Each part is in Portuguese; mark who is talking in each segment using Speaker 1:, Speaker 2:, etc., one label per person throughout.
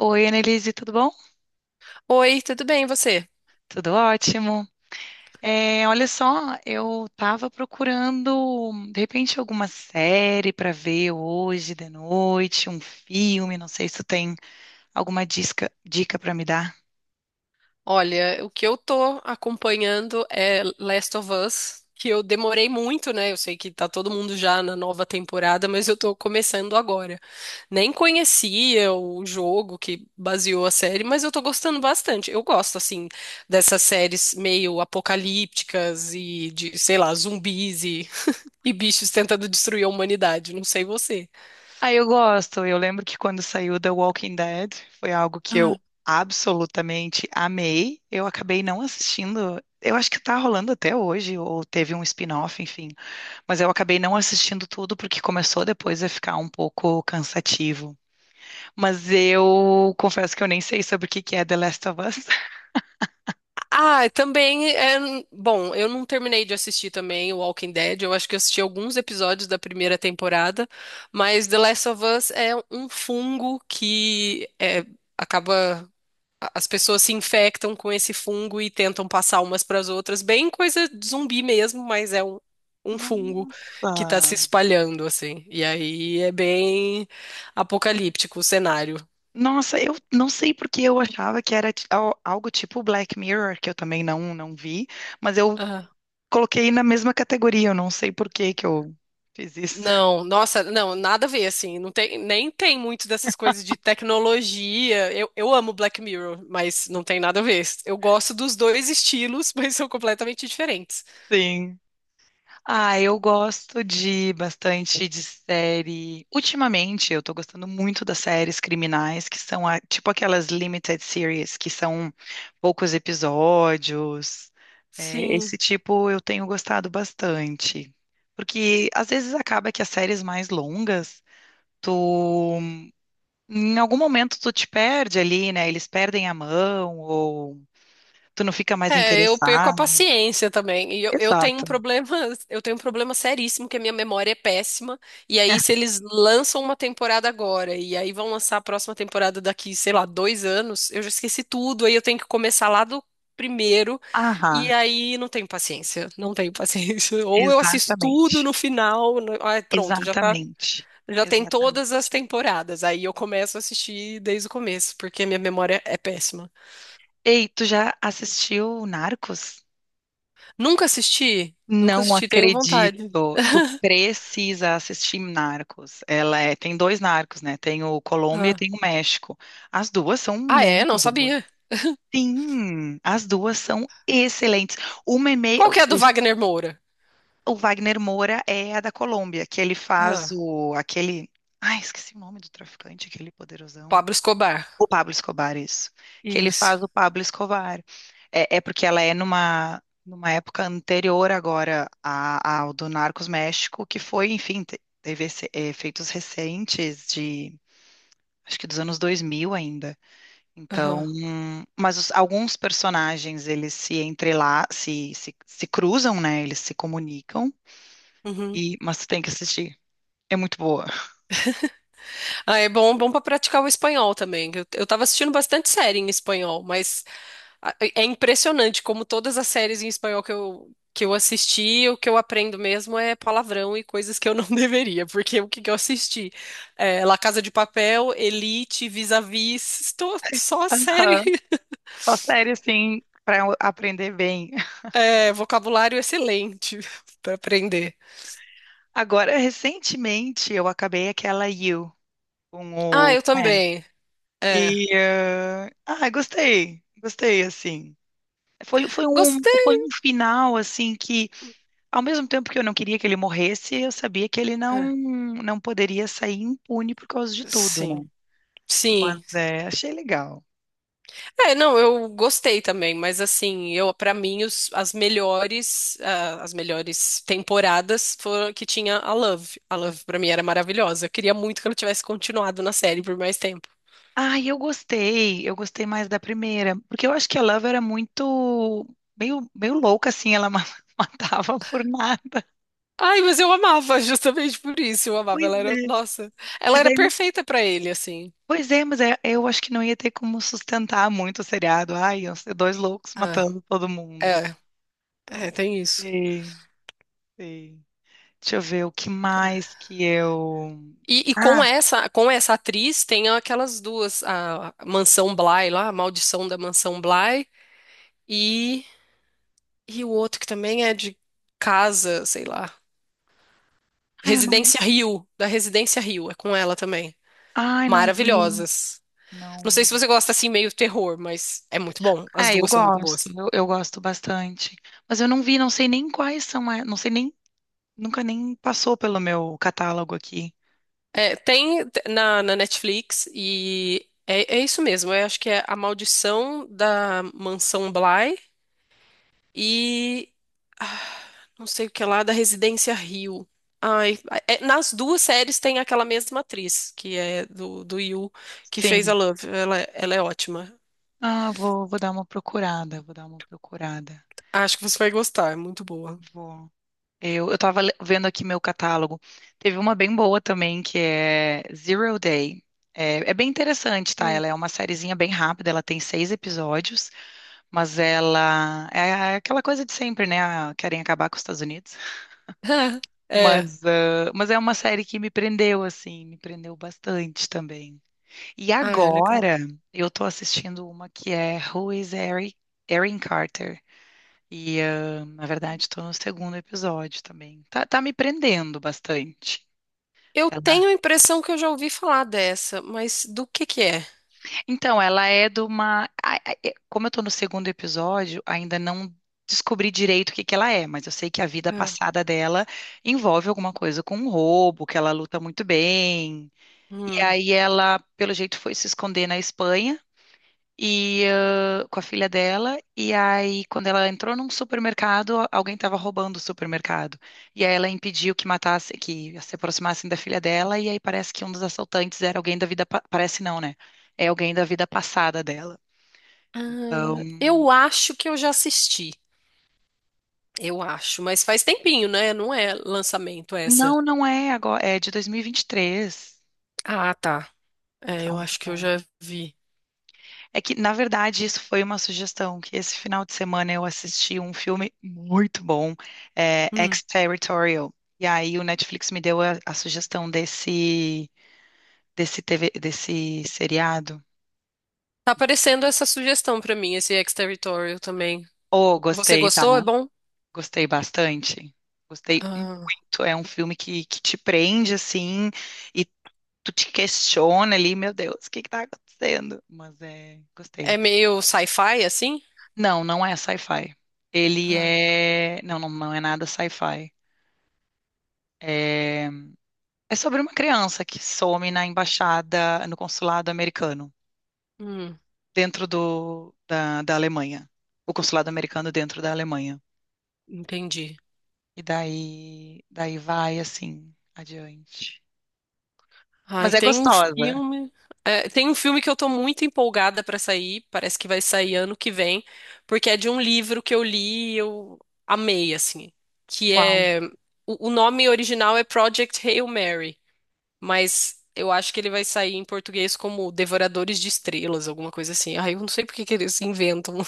Speaker 1: Oi, Annelise, tudo bom?
Speaker 2: Oi, tudo bem, e você?
Speaker 1: Tudo ótimo. É, olha só, eu tava procurando, de repente, alguma série para ver hoje de noite, um filme,
Speaker 2: Hum.
Speaker 1: não sei se tu tem alguma dica para me dar.
Speaker 2: Olha, o que eu tô acompanhando é Last of Us, que eu demorei muito, né? Eu sei que tá todo mundo já na nova temporada, mas eu tô começando agora. Nem conhecia o jogo que baseou a série, mas eu tô gostando bastante. Eu gosto, assim, dessas séries meio apocalípticas e de, sei lá, zumbis e, e bichos tentando destruir a humanidade. Não sei você.
Speaker 1: Ah, eu gosto. Eu lembro que quando saiu The Walking Dead, foi algo que eu absolutamente amei. Eu acabei não assistindo. Eu acho que tá rolando até hoje, ou teve um spin-off, enfim. Mas eu acabei não assistindo tudo porque começou depois a ficar um pouco cansativo. Mas eu confesso que eu nem sei sobre o que que é The Last of Us.
Speaker 2: Ah, também é. Bom, eu não terminei de assistir também o Walking Dead. Eu acho que eu assisti alguns episódios da primeira temporada, mas The Last of Us é um fungo que é, acaba. As pessoas se infectam com esse fungo e tentam passar umas para as outras. Bem coisa de zumbi mesmo, mas é um fungo que tá
Speaker 1: Nossa.
Speaker 2: se espalhando, assim. E aí é bem apocalíptico o cenário.
Speaker 1: Nossa, eu não sei porque eu achava que era algo tipo Black Mirror, que eu também não, não vi, mas eu coloquei na mesma categoria, eu não sei por que que eu fiz isso.
Speaker 2: Não, nossa, não, nada a ver, assim, não tem, nem tem muito dessas coisas de tecnologia. Eu amo Black Mirror, mas não tem nada a ver. Eu gosto dos dois estilos, mas são completamente diferentes.
Speaker 1: Sim. Ah, eu gosto de bastante de série. Ultimamente, eu tô gostando muito das séries criminais, que são tipo aquelas limited series, que são poucos episódios. É,
Speaker 2: Sim.
Speaker 1: esse tipo eu tenho gostado bastante. Porque às vezes acaba que as séries mais longas, tu em algum momento tu te perde ali, né? Eles perdem a mão ou tu não fica mais
Speaker 2: É, eu perco a
Speaker 1: interessado.
Speaker 2: paciência também. E eu tenho um
Speaker 1: Exato.
Speaker 2: problema, eu tenho um problema seríssimo que a minha memória é péssima. E aí, se eles lançam uma temporada agora e aí vão lançar a próxima temporada daqui, sei lá, 2 anos, eu já esqueci tudo. Aí eu tenho que começar lá do primeiro. E
Speaker 1: Aham,
Speaker 2: aí não tenho paciência, não tenho paciência. Ou eu assisto tudo
Speaker 1: exatamente.
Speaker 2: no final, ah, pronto, já tá,
Speaker 1: Exatamente.
Speaker 2: já tem
Speaker 1: Exatamente.
Speaker 2: todas as temporadas. Aí eu começo a assistir desde o começo, porque a minha memória é péssima.
Speaker 1: Ei, tu já assistiu Narcos?
Speaker 2: Nunca assisti. Nunca
Speaker 1: Não
Speaker 2: assisti, tenho
Speaker 1: acredito.
Speaker 2: vontade.
Speaker 1: Tu precisa assistir Narcos. Ela é, tem dois Narcos, né? Tem o Colômbia e
Speaker 2: Ah,
Speaker 1: tem o México. As duas são
Speaker 2: ah é?
Speaker 1: muito
Speaker 2: Não
Speaker 1: boas.
Speaker 2: sabia.
Speaker 1: Sim, as duas são excelentes. Uma é meio,
Speaker 2: Qual que é a do
Speaker 1: o
Speaker 2: Wagner Moura?
Speaker 1: o Wagner Moura é a da Colômbia, que ele faz
Speaker 2: Ah,
Speaker 1: o aquele, ai, esqueci o nome do traficante, aquele poderosão.
Speaker 2: Pablo Escobar.
Speaker 1: O Pablo Escobar, isso. Que ele
Speaker 2: Isso.
Speaker 1: faz o Pablo Escobar. É, porque ela é numa época anterior agora ao do Narcos México, que foi, enfim, teve efeitos recentes de, acho que dos anos 2000 ainda. Então,
Speaker 2: Aham.
Speaker 1: mas alguns personagens, eles se cruzam, né? Eles se comunicam,
Speaker 2: Uhum.
Speaker 1: e, mas tu tem que assistir. É muito boa.
Speaker 2: Ah, é bom, bom para praticar o espanhol também. Eu tava assistindo bastante série em espanhol, mas é impressionante como todas as séries em espanhol que eu que eu assisti, o que eu aprendo mesmo é palavrão e coisas que eu não deveria, porque o que que eu assisti? É, La Casa de Papel, Elite, Vis-a-Vis, só
Speaker 1: Aham.
Speaker 2: série.
Speaker 1: Só série, assim, para aprender bem.
Speaker 2: É, vocabulário excelente para aprender.
Speaker 1: Agora, recentemente, eu acabei aquela You com
Speaker 2: Ah,
Speaker 1: o
Speaker 2: eu
Speaker 1: Pen.
Speaker 2: também. É.
Speaker 1: Ah, gostei, gostei assim. Foi, foi um,
Speaker 2: Gostei.
Speaker 1: foi um final assim que, ao mesmo tempo que eu não queria que ele morresse, eu sabia que ele não
Speaker 2: É,
Speaker 1: não poderia sair impune por causa de tudo, né?
Speaker 2: sim.
Speaker 1: Mas
Speaker 2: Sim.
Speaker 1: é, achei legal.
Speaker 2: É, não, eu gostei também, mas assim, eu para mim as melhores temporadas foram que tinha a Love. A Love para mim era maravilhosa. Eu queria muito que ela tivesse continuado na série por mais tempo.
Speaker 1: Ah, eu gostei mais da primeira, porque eu acho que a Love era muito meio louca assim, ela matava por nada.
Speaker 2: Ai, mas eu amava justamente por isso. Eu amava,
Speaker 1: Pois
Speaker 2: ela era,
Speaker 1: é.
Speaker 2: nossa, ela
Speaker 1: Mas
Speaker 2: era
Speaker 1: aí
Speaker 2: perfeita para ele assim.
Speaker 1: pois é, mas eu acho que não ia ter como sustentar muito o seriado. Ai, iam ser dois loucos
Speaker 2: Ah,
Speaker 1: matando todo mundo.
Speaker 2: é, é,
Speaker 1: Então,
Speaker 2: tem isso.
Speaker 1: sim, sim. Deixa eu ver o que mais que eu.
Speaker 2: E
Speaker 1: Ah,
Speaker 2: com essa atriz tem aquelas duas, a Mansão Bly lá, a Maldição da Mansão Bly e, e o outro que também é de casa, sei lá,
Speaker 1: ai, eu não.
Speaker 2: Residência Rio, da Residência Rio, é com ela também.
Speaker 1: Ai, não vi.
Speaker 2: Maravilhosas. Não sei
Speaker 1: Não.
Speaker 2: se você gosta assim meio terror, mas é muito bom. As
Speaker 1: É, eu
Speaker 2: duas são muito
Speaker 1: gosto,
Speaker 2: boas.
Speaker 1: eu, eu gosto bastante. Mas eu não vi, não sei nem quais são, não sei nem, nunca nem passou pelo meu catálogo aqui.
Speaker 2: É, tem na Netflix e é isso mesmo. Eu acho que é A Maldição da Mansão Bly e ah, não sei o que lá da Residência Rio. Ai, nas duas séries tem aquela mesma atriz, que é do Yu, que fez
Speaker 1: Sim.
Speaker 2: a Love. Ela é ótima.
Speaker 1: Ah, vou dar uma procurada, vou dar uma procurada.
Speaker 2: Acho que você vai gostar, é muito boa.
Speaker 1: Vou. Eu tava vendo aqui meu catálogo. Teve uma bem boa também, que é Zero Day. É, bem interessante, tá?
Speaker 2: Hum.
Speaker 1: Ela é uma sériezinha bem rápida, ela tem seis episódios, mas ela é aquela coisa de sempre, né? Ah, querem acabar com os Estados Unidos.
Speaker 2: É.
Speaker 1: Mas, ah, mas é uma série que me prendeu, assim, me prendeu bastante também. E
Speaker 2: Ah, é legal.
Speaker 1: agora eu tô assistindo uma que é Who is Erin Carter? E, ah, na verdade, estou no segundo episódio também. Tá, me prendendo bastante.
Speaker 2: Eu
Speaker 1: Ela-
Speaker 2: tenho a impressão que eu já ouvi falar dessa, mas do que é?
Speaker 1: Então, ela é de uma. Como eu estou no segundo episódio, ainda não descobri direito o que que ela é, mas eu sei que a vida
Speaker 2: Ah,
Speaker 1: passada dela envolve alguma coisa com um roubo, que ela luta muito bem. E
Speaker 2: hum.
Speaker 1: aí ela, pelo jeito, foi se esconder na Espanha, e com a filha dela. E aí, quando ela entrou num supermercado, alguém estava roubando o supermercado. E aí ela impediu que matasse, que se aproximassem da filha dela. E aí parece que um dos assaltantes era alguém da vida, parece não, né? É alguém da vida passada dela. Então,
Speaker 2: Ah, eu acho que eu já assisti. Eu acho, mas faz tempinho, né? Não é lançamento essa.
Speaker 1: não, não é agora, é de dois mil e vinte e três.
Speaker 2: Ah, tá. É,
Speaker 1: Então,
Speaker 2: eu acho que eu já vi.
Speaker 1: é que, na verdade, isso foi uma sugestão, que esse final de semana eu assisti um filme muito bom,
Speaker 2: Hum.
Speaker 1: Exterritorial. E aí o Netflix me deu a sugestão desse TV, desse seriado.
Speaker 2: Tá aparecendo essa sugestão pra mim, esse Exterritorial também.
Speaker 1: Oh,
Speaker 2: Você
Speaker 1: gostei, tá?
Speaker 2: gostou? É bom?
Speaker 1: Gostei bastante. Gostei
Speaker 2: Ah,
Speaker 1: muito. É um filme que te prende, assim, e tu te questiona ali, meu Deus, o que que tá acontecendo? Mas é,
Speaker 2: é
Speaker 1: gostei.
Speaker 2: meio sci-fi, assim?
Speaker 1: Não, não é sci-fi. Ele
Speaker 2: Ah,
Speaker 1: é. Não, não, não é nada sci-fi. É, é, sobre uma criança que some na embaixada, no consulado americano,
Speaker 2: hum,
Speaker 1: dentro da Alemanha. O consulado americano dentro da Alemanha.
Speaker 2: entendi.
Speaker 1: Daí daí vai assim adiante.
Speaker 2: Ai,
Speaker 1: Mas é
Speaker 2: tem um
Speaker 1: gostosa.
Speaker 2: filme, é, tem um filme que eu tô muito empolgada pra sair. Parece que vai sair ano que vem, porque é de um livro que eu li e eu amei, assim. Que
Speaker 1: Qual?
Speaker 2: é. O nome original é Project Hail Mary, mas eu acho que ele vai sair em português como Devoradores de Estrelas, alguma coisa assim. Ai, eu não sei por que que eles inventam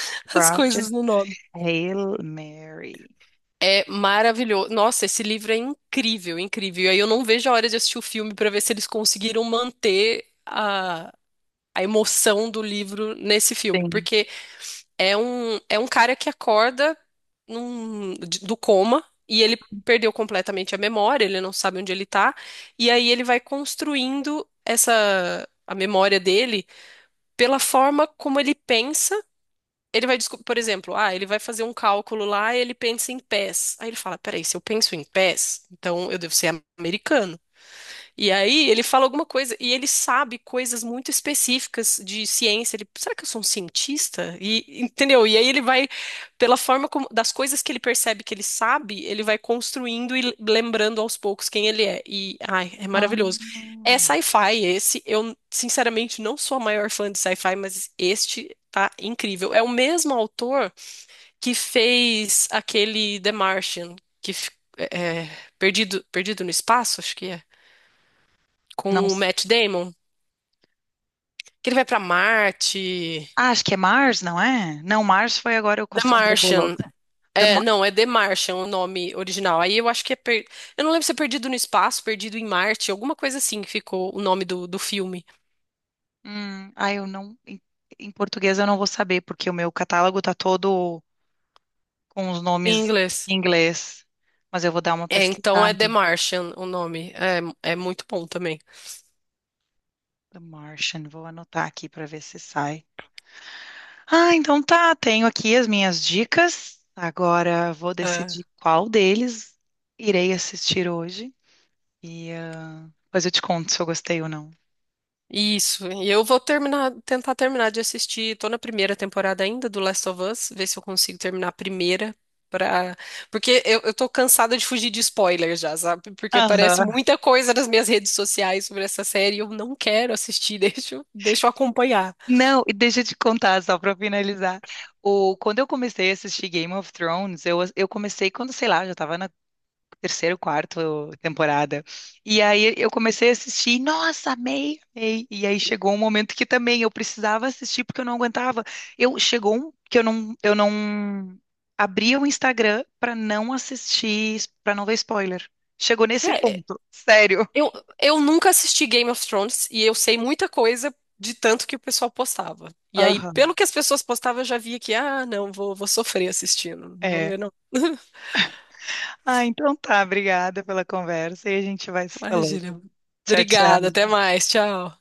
Speaker 2: as
Speaker 1: Project
Speaker 2: coisas no nome.
Speaker 1: Hail Mary.
Speaker 2: É maravilhoso. Nossa, esse livro é incrível, incrível. E aí eu não vejo a hora de assistir o filme para ver se eles conseguiram manter a emoção do livro nesse filme,
Speaker 1: Sim.
Speaker 2: porque é um cara que acorda do coma e ele perdeu completamente a memória, ele não sabe onde ele tá, e aí ele vai construindo essa a memória dele pela forma como ele pensa. Ele vai, por exemplo, ele vai fazer um cálculo lá e ele pensa em pés. Aí ele fala, peraí, se eu penso em pés, então eu devo ser americano. E aí ele fala alguma coisa e ele sabe coisas muito específicas de ciência. Ele, será que eu sou um cientista? E entendeu? E aí ele vai, pela forma como, das coisas que ele percebe que ele sabe, ele vai construindo e lembrando aos poucos quem ele é. E ai, é
Speaker 1: Ah,
Speaker 2: maravilhoso. É sci-fi esse. Eu sinceramente não sou a maior fã de sci-fi, mas este tá incrível. É o mesmo autor que fez aquele The Martian, que fi- é, é, Perdido, no Espaço, acho que é
Speaker 1: não,
Speaker 2: com o Matt Damon, que ele vai pra Marte.
Speaker 1: ah, acho que é Mars, não é? Não, Mars foi agora com a
Speaker 2: The
Speaker 1: Sandra
Speaker 2: Martian.
Speaker 1: Bullock. The
Speaker 2: É,
Speaker 1: Ma-
Speaker 2: não, é The Martian o nome original. Aí eu acho que é. Eu não lembro se é Perdido no Espaço, Perdido em Marte, alguma coisa assim que ficou o nome do filme
Speaker 1: Ah, eu não. Em português eu não vou saber, porque o meu catálogo tá todo com os
Speaker 2: em
Speaker 1: nomes em
Speaker 2: inglês.
Speaker 1: inglês. Mas eu vou dar uma
Speaker 2: É, então é The
Speaker 1: pesquisada.
Speaker 2: Martian o nome. É, é muito bom também.
Speaker 1: The Martian, vou anotar aqui para ver se sai. Ah, então tá, tenho aqui as minhas dicas. Agora vou
Speaker 2: É.
Speaker 1: decidir qual deles irei assistir hoje. E depois eu te conto se eu gostei ou não.
Speaker 2: Isso, e eu vou terminar, tentar terminar de assistir. Tô na primeira temporada ainda do Last of Us, ver se eu consigo terminar a primeira para, porque eu tô cansada de fugir de spoilers já, sabe? Porque aparece
Speaker 1: Aham.
Speaker 2: muita coisa nas minhas redes sociais sobre essa série e eu não quero assistir, deixa eu acompanhar.
Speaker 1: Não, e deixa eu te contar só para finalizar. O, quando eu comecei a assistir Game of Thrones, eu comecei quando, sei lá, eu já estava terceiro, quarto temporada. E aí eu comecei a assistir, e, nossa, amei, amei. E aí chegou um momento que também eu precisava assistir porque eu não aguentava. Eu chegou um que eu não abria o Instagram para não assistir, para não ver spoiler. Chegou nesse
Speaker 2: É,
Speaker 1: ponto, sério.
Speaker 2: eu, eu nunca assisti Game of Thrones e eu sei muita coisa de tanto que o pessoal postava. E aí,
Speaker 1: Aham,
Speaker 2: pelo que as pessoas postavam, eu já via que, ah, não, vou sofrer assistindo, não vou
Speaker 1: é.
Speaker 2: ver não.
Speaker 1: Ah, então tá, obrigada pela conversa e a gente vai se falando.
Speaker 2: Imagina.
Speaker 1: Tchau,
Speaker 2: Obrigada, até
Speaker 1: tchau.
Speaker 2: mais. Tchau.